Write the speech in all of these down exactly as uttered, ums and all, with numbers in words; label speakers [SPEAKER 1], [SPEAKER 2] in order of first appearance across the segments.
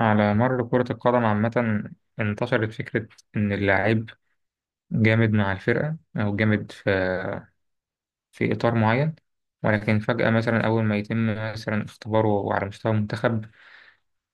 [SPEAKER 1] على مر كرة القدم عامة انتشرت فكرة إن اللاعب جامد مع الفرقة، أو جامد في في إطار معين. ولكن فجأة مثلا أول ما يتم مثلا اختباره على مستوى المنتخب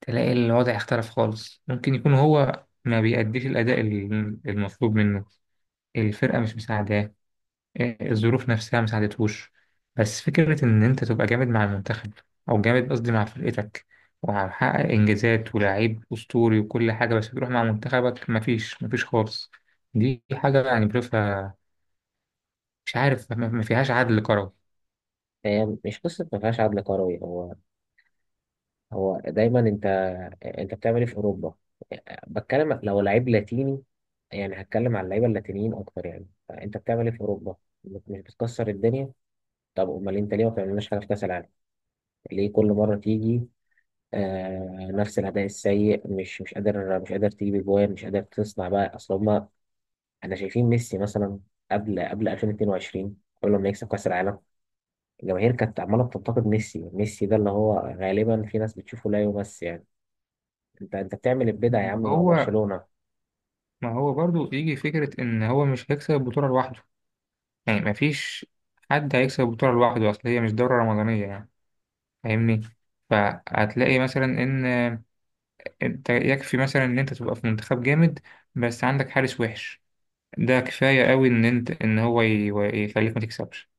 [SPEAKER 1] تلاقي الوضع اختلف خالص. ممكن يكون هو ما بيأديش الأداء ال- المطلوب منه، الفرقة مش مساعداه، إيه، الظروف نفسها ما ساعدتهوش. بس فكرة إن أنت تبقى جامد مع المنتخب، أو جامد قصدي مع فرقتك، وهحقق إنجازات ولاعيب أسطوري وكل حاجة، بس تروح مع منتخبك مفيش مفيش خالص. دي حاجة يعني بشوفها، مش عارف ما ما فيهاش عدل كروي.
[SPEAKER 2] هي مش قصة ما فيهاش عدل كروي. هو هو دايما انت انت بتعمل ايه في اوروبا؟ بتكلم لو لعيب لاتيني، يعني هتكلم على اللعيبه اللاتينيين اكتر. يعني انت بتعمل ايه في اوروبا؟ مش بتكسر الدنيا. طب امال انت ليه ما بتعملناش حاجه في كاس العالم؟ ليه كل مره تيجي آه نفس الاداء السيء، مش مش قادر مش قادر تجيب اجوان، مش قادر تصنع بقى؟ اصل هما انا شايفين ميسي مثلا، قبل قبل ألفين واتنين وعشرين، قبل ما يكسب كاس العالم، الجماهير كانت عماله بتنتقد ميسي. ميسي ده اللي هو غالبا في ناس بتشوفه لا يمس يعني. انت انت بتعمل البدع يا
[SPEAKER 1] ما
[SPEAKER 2] عم مع
[SPEAKER 1] هو
[SPEAKER 2] برشلونه.
[SPEAKER 1] ما هو برضو يجي فكرة إن هو مش هيكسب البطولة لوحده، يعني مفيش حد هيكسب البطولة لوحده، أصل هي مش دورة رمضانية يعني. فاهمني؟ فهتلاقي مثلا إن انت يكفي مثلا ان انت تبقى في منتخب جامد بس عندك حارس وحش. ده كفاية قوي ان انت ان هو ي- يخليك ما تكسبش.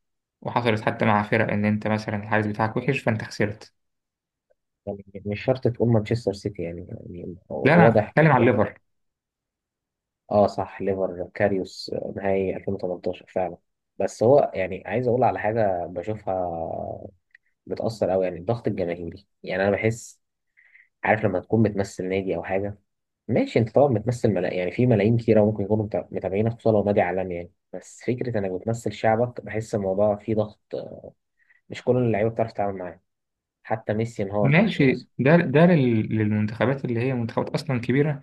[SPEAKER 1] وحصلت حتى مع فرق، ان انت مثلا الحارس بتاعك وحش فانت خسرت.
[SPEAKER 2] يعني مش شرط تقول مانشستر سيتي، يعني, يعني
[SPEAKER 1] لا، انا
[SPEAKER 2] واضح.
[SPEAKER 1] بتكلم على الليفر.
[SPEAKER 2] اه، صح، ليفر كاريوس نهائي ألفين وتمنتاشر فعلا. بس هو يعني عايز اقول على حاجه بشوفها، بتاثر قوي، يعني الضغط الجماهيري، يعني انا بحس. عارف لما تكون بتمثل نادي او حاجه، ماشي، انت طبعا بتمثل ملا... يعني في ملايين كتيرة ممكن يكونوا متع- متابعينك، خصوصا لو نادي عالمي يعني. بس فكرة انك بتمثل شعبك، بحس الموضوع فيه ضغط. مش كل اللعيبة بتعرف تتعامل معاه. حتى ميسي انهار تحته
[SPEAKER 1] ماشي،
[SPEAKER 2] مثلا.
[SPEAKER 1] ده ده لل- للمنتخبات اللي هي منتخبات اصلا كبيرة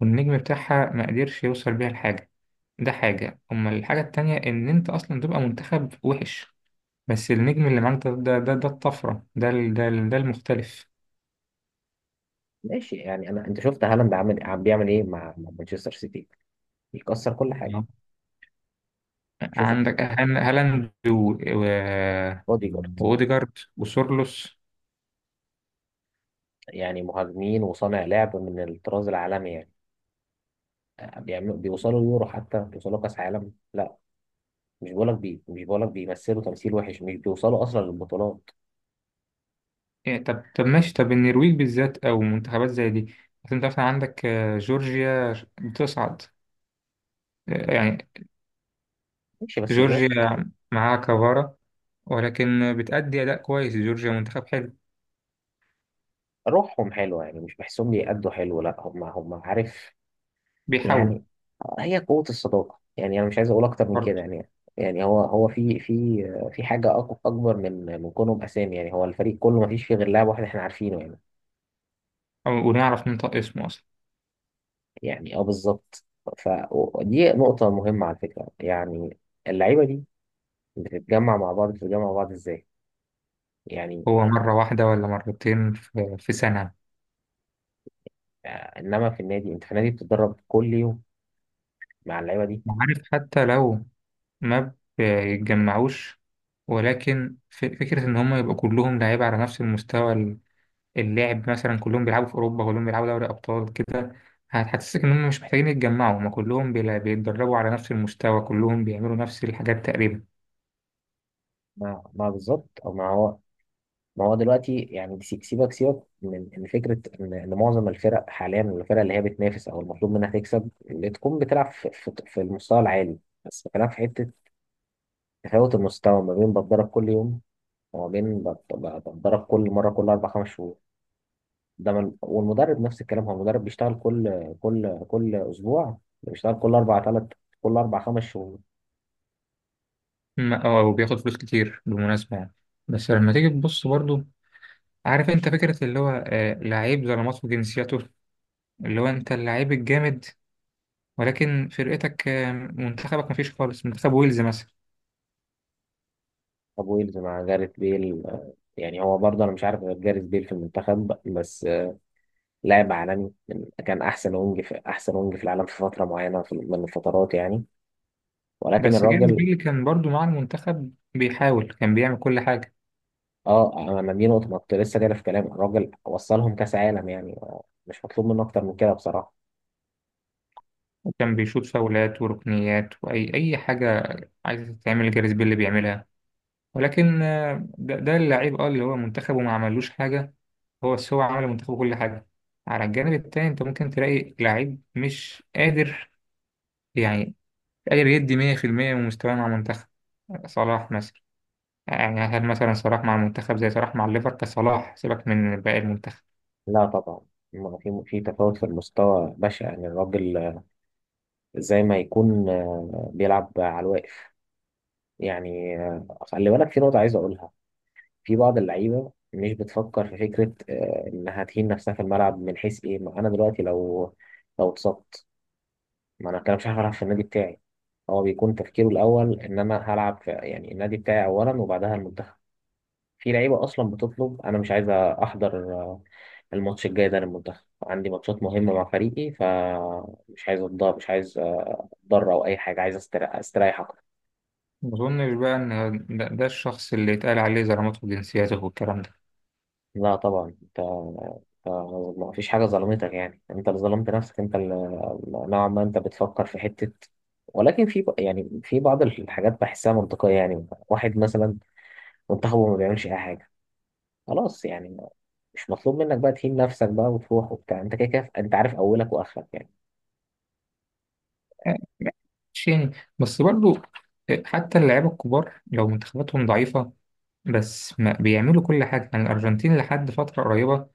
[SPEAKER 1] والنجم بتاعها ما قدرش يوصل بيها لحاجة. ده حاجة. أما الحاجة التانية إن أنت أصلا تبقى منتخب وحش بس النجم اللي معاك ده ده ده, ده الطفرة، ده ال- ده ال- ده المختلف.
[SPEAKER 2] ماشي، يعني انا انت شفت هالاند عامل عم بيعمل ايه مع مع مانشستر سيتي؟ بيكسر كل حاجة. شوف،
[SPEAKER 1] عندك هان- هالاند و- و-
[SPEAKER 2] بودي جارد،
[SPEAKER 1] واوديجارد وسورلوس.
[SPEAKER 2] يعني مهاجمين وصانع لعب من الطراز العالمي. يعني آه، بيعملوا بيوصلوا يورو، حتى بيوصلوا كاس عالم؟ لا. مش بقولك بي مش بقولك بيمثلوا تمثيل وحش، مش بيوصلوا اصلا للبطولات.
[SPEAKER 1] إيه طب طب ماشي، طب النرويج بالذات او منتخبات زي دي. أصل انت مثلا عندك آه، جورجيا بتصعد، آه، يعني
[SPEAKER 2] ماشي بس جورج
[SPEAKER 1] جورجيا معاها كفارة، ولكن بتأدي أداء كويس. جورجيا منتخب حلو،
[SPEAKER 2] روحهم حلوة، يعني مش بحسهم بيأدوا حلو. لا، هم هم عارف
[SPEAKER 1] بيحاولوا.
[SPEAKER 2] يعني. هي قوة الصداقة يعني. أنا مش عايز أقول أكتر من كده
[SPEAKER 1] برضه
[SPEAKER 2] يعني. يعني هو هو في في في حاجة أق- أكبر من من كونهم أسامي. يعني هو الفريق كله ما فيش فيه غير لاعب واحد إحنا عارفينه يعني.
[SPEAKER 1] أو- ونعرف ننطق اسمه أصلا.
[SPEAKER 2] يعني أه، بالظبط. فدي نقطة مهمة على فكرة، يعني اللعيبة دي بتتجمع مع بعض بتتجمع مع بعض إزاي يعني؟
[SPEAKER 1] هو مرة واحدة ولا مرتين في في سنة.
[SPEAKER 2] آه، إنما في النادي أنت في النادي بتتدرب كل يوم مع اللعيبة دي.
[SPEAKER 1] عارف، حتى لو ما بيتجمعوش، ولكن ف- فكرة إن هم يبقوا كلهم لعيبة على نفس المستوى. اللعب مثلا كلهم بيلعبوا في أوروبا، كلهم بيلعبوا دوري أبطال كده، هتحسسك إن هم مش محتاجين يتجمعوا. هم كلهم بيلا- بيتدربوا على نفس المستوى، كلهم بيعملوا نفس الحاجات تقريبا.
[SPEAKER 2] مع مع بالظبط، أو مع. ما هو دلوقتي يعني سي- سيبك سيبك من من فكره ان إن معظم الفرق حاليا، الفرق اللي هي بتنافس او المطلوب منها تكسب، اللي تكون بتلعب في في- في المستوى العالي، بس بتلعب في حته. تفاوت المستوى ما بين بتدرب كل يوم، وما بين بت- ب- بتدرب كل مره، كل اربع خمس شهور. ده من، والمدرب نفس الكلام، هو المدرب بيشتغل كل كل كل اسبوع، بيشتغل كل اربع ثلاث كل اربع خمس شهور.
[SPEAKER 1] ما- أو أو بياخد فلوس كتير بالمناسبة يعني. بس لما تيجي تبص برضو، عارف أنت فكرة اللي هو آه، لعيب ظلمات في جنسيته، اللي هو أنت اللعيب الجامد، ولكن فرقتك آه، منتخبك مفيش خالص. منتخب ويلز مثلا.
[SPEAKER 2] طب ويلز مع جاريث بيل، آه، يعني هو برضه انا مش عارف غير جاريث بيل في المنتخب بس. لاعب عالمي من- كان احسن وينج في احسن وينج في العالم في فتره معينه، في- من الفترات يعني. ولكن
[SPEAKER 1] بس جيمس
[SPEAKER 2] الراجل
[SPEAKER 1] بيلي كان برضو مع المنتخب بيحاول، كان بيعمل كل حاجة،
[SPEAKER 2] اه انا دي نقطه ما كنت لسه جاي في كلام الراجل، وصلهم كاس عالم يعني، آه، مش مطلوب منه اكتر من كده بصراحه.
[SPEAKER 1] وكان بيشوط فاولات وركنيات وأي أي حاجة عايزة تتعمل جيمس بيلي بيعملها. ولكن آه، ده, ده اللعيب اه اللي هو منتخبه ما عملوش حاجة. هو بس هو عمل منتخبه كل حاجة. على الجانب التاني انت ممكن تلاقي لعيب مش قادر، يعني قادر يدي مية في المية من مستواه مع منتخب. صلاح مثلا، يعني هل مثلا صلاح مع المنتخب زي صلاح مع الليفر كصلاح؟ سيبك من باقي المنتخب.
[SPEAKER 2] لا طبعا، ما في في تفاوت في المستوى بشع، يعني الراجل آه، زي ما يكون آه، بيلعب على الواقف. يعني آه، خلي بالك في نقطه عايز اقولها، في بعض اللعيبه مش بتفكر في فكره آه، انها تهين نفسها في الملعب، من حيث ايه؟ ما انا دلوقتي لو لو اتصبت، ما انا كده مش عارف العب في النادي بتاعي. هو بيكون تفكيره الاول ان انا هلعب في، يعني النادي بتاعي اولا وبعدها المنتخب. في لعيبه اصلا بتطلب انا مش عايز احضر آه، الماتش الجاي ده للمنتخب، عندي ماتشات مهمه مع فريقي، فمش عايز اتضرر، مش عايز آه، اتضرر او اي حاجه، عايز استريح استريح اكتر.
[SPEAKER 1] ما أظنش بقى إن ده, ده الشخص اللي يتقال عليه زلمته وجنسيته والكلام ده.
[SPEAKER 2] لا طبعا انت أنت ما فيش حاجه ظلمتك، يعني انت اللي ظلمت نفسك، انت اللي نوعا ما انت بتفكر في حته. ولكن في يعني في بعض الحاجات بحسها منطقيه، يعني واحد مثلا منتخبه ما بيعملش اي حاجه، خلاص يعني، ما- مش مطلوب منك بقى تهين نفسك بقى وتروح وبتاع، انت كده كده انت عارف اولك واخرك يعني.
[SPEAKER 1] يعني ماشي يعني، بس برضو آه، حتى اللعيبة الكبار لو منتخباتهم ضعيفة بس ما بيعملوا كل حاجة. يعني الأرجنتين لحد فترة قريبة،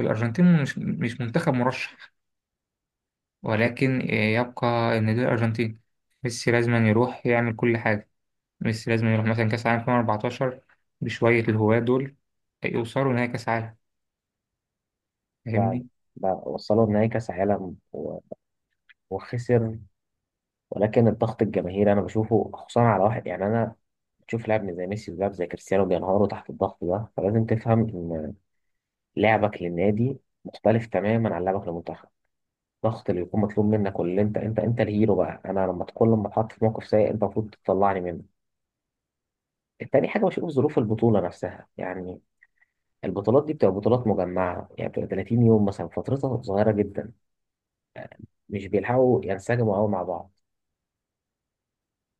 [SPEAKER 1] الأرجنتين مش مش منتخب مرشح، ولكن آه، يبقى إن دي الأرجنتين، ميسي لازم يروح يعمل كل حاجة. ميسي لازم يروح مثلا كأس العالم ألفين وأربعتاشر بشوية الهواة دول آه، يوصلوا نهائي كأس عالم.
[SPEAKER 2] ده
[SPEAKER 1] فاهمني؟
[SPEAKER 2] ده وصلوا نهائي كاس عالم و- وخسر. ولكن الضغط الجماهيري انا بشوفه خصوصا على واحد، يعني انا بشوف لاعب زي ميسي ولاعب زي كريستيانو بينهاروا تحت الضغط ده. فلازم تفهم ان لعبك للنادي مختلف تماما عن لعبك للمنتخب. الضغط اللي يكون مطلوب منك، واللي انت انت انت الهيرو بقى، انا لما تكون لما اتحط في موقف سيء انت المفروض تطلعني منه. تاني حاجة بشوف ظروف البطولة نفسها، يعني البطولات دي بتبقى بطولات مجمعة، يعني بتبقى تلاتين يوم مثلا، فترتها صغيرة جدا، مش بيلحقوا ينسجموا قوي مع بعض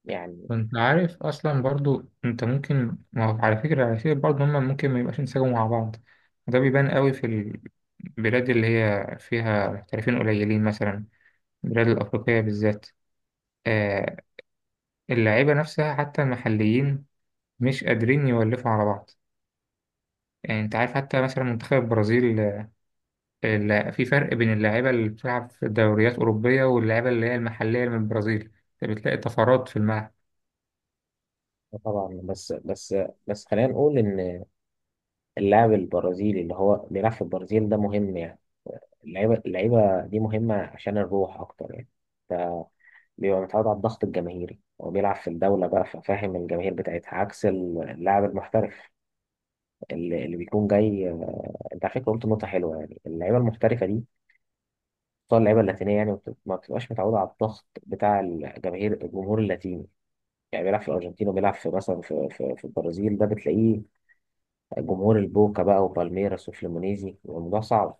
[SPEAKER 2] يعني.
[SPEAKER 1] وانت عارف اصلا برضو انت ممكن، ما هو على فكره على فكره برضو هما ممكن ما يبقاش انسجموا مع بعض. وده بيبان قوي في البلاد اللي هي فيها محترفين قليلين، مثلا البلاد الافريقيه بالذات. آه اللعيبه نفسها حتى المحليين مش قادرين يولفوا على بعض. يعني انت عارف حتى مثلا منتخب البرازيل، آه، ال- في فرق بين اللعيبه اللي بتلعب في دوريات اوروبيه واللعيبه اللي هي المحليه من البرازيل، انت بتلاقي طفرات في الملعب.
[SPEAKER 2] آه، طبعا. بس بس بس خلينا نقول إن اللاعب البرازيلي اللي هو بيلعب في البرازيل ده مهم، يعني اللعيبة اللعيبة دي مهمة عشان الروح أكتر، يعني بيبقى متعود على الضغط الجماهيري، هو بيلعب في الدولة بقى، ففاهم الجماهير بتاعتها، عكس اللاعب المحترف اللي, اللي بيكون جاي آه، انت على فكرة قلت نقطة حلوة، يعني اللعيبة المحترفة دي، خصوصا اللعيبه اللاتينيه، يعني ما بت- ما بتبقاش متعوده على الضغط بتاع الجماهير، الجمهور اللاتيني. يعني بيلعب في الارجنتين، وبيلعب في مثلا، في في, في البرازيل، ده بتلاقيه جمهور البوكا بقى، وبالميراس، وفليمونيزي، بيبقى الموضوع صعب.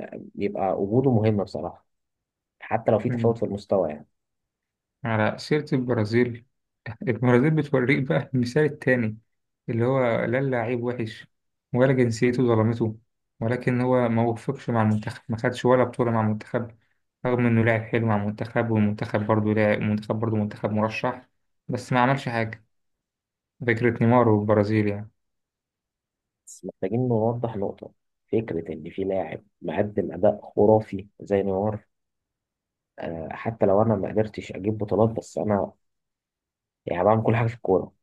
[SPEAKER 2] فبيبقى وجوده مهم بصراحه، حتى لو في
[SPEAKER 1] مم.
[SPEAKER 2] تفاوت في المستوى يعني.
[SPEAKER 1] على سيره البرازيل، البرازيل بتوريك بقى المثال التاني، اللي هو لا اللاعب وحش ولا جنسيته ظلمته، ولكن هو ما وفقش مع المنتخب، ما خدش ولا بطولة مع المنتخب رغم إنه لاعب حلو مع المنتخب. والمنتخب برضه لاعب، المنتخب برضه منتخب مرشح بس ما عملش حاجة. فكرة نيمار والبرازيل يعني.
[SPEAKER 2] بس محتاجين نوضح نقطه، فكره ان في لاعب مقدم اداء خرافي زي نيمار، آه، حتى لو انا ما قدرتش اجيب بطولات، بس انا يعني بعمل كل حاجه في الكوره.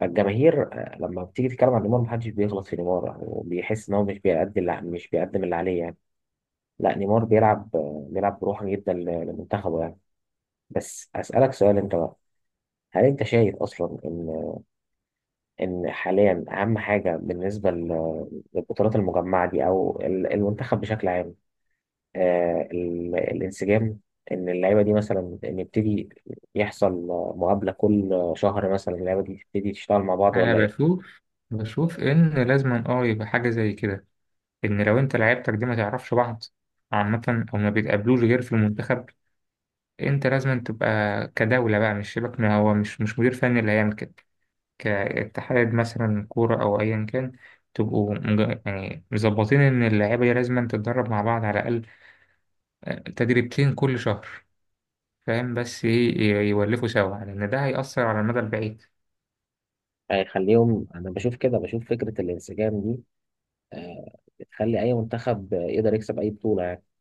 [SPEAKER 2] فالجماهير آه، لما بتيجي تتكلم عن نيمار، محدش بيغلط في نيمار، يعني وبيحس ان هو مش بيقدم اللي مش بيقدم اللي عليه يعني. لا، نيمار بيلعب آه، بيلعب بروح جدا ل- لمنتخبه يعني. بس اسالك سؤال انت بقى، هل انت شايف اصلا ان ان حاليا اهم حاجه بالنسبه ل- للبطولات المجمعه دي، او ال- المنتخب بشكل عام، آه ال- الانسجام؟ ان اللعيبه دي مثلا ان يبتدي يحصل آه، مقابله كل شهر مثلا، اللعيبه دي تبتدي تشتغل مع بعض
[SPEAKER 1] أنا
[SPEAKER 2] ولا؟
[SPEAKER 1] بشوف، بشوف إن لازم أه يبقى حاجة زي كده. إن لو أنت لعيبتك دي ما تعرفش بعض عامة، أو ما بيتقابلوش غير في المنتخب، انت لازم تبقى كدولة بقى. مش شبك، ما هو مش مش مدير فني اللي هيعمل كده. كاتحاد مثلا كورة او ايا كان، تبقوا مج- يعني مظبطين ان اللعيبة دي لازم تتدرب مع بعض على الاقل آه، تدريبتين كل شهر. فاهم؟ بس ي- ي- يولفوا سوا لان ده هيأثر على المدى البعيد.
[SPEAKER 2] هيخليهم، انا بشوف كده، بشوف فكره الانسجام دي آه، بتخلي اي منتخب آه، يقدر يكسب اي بطوله.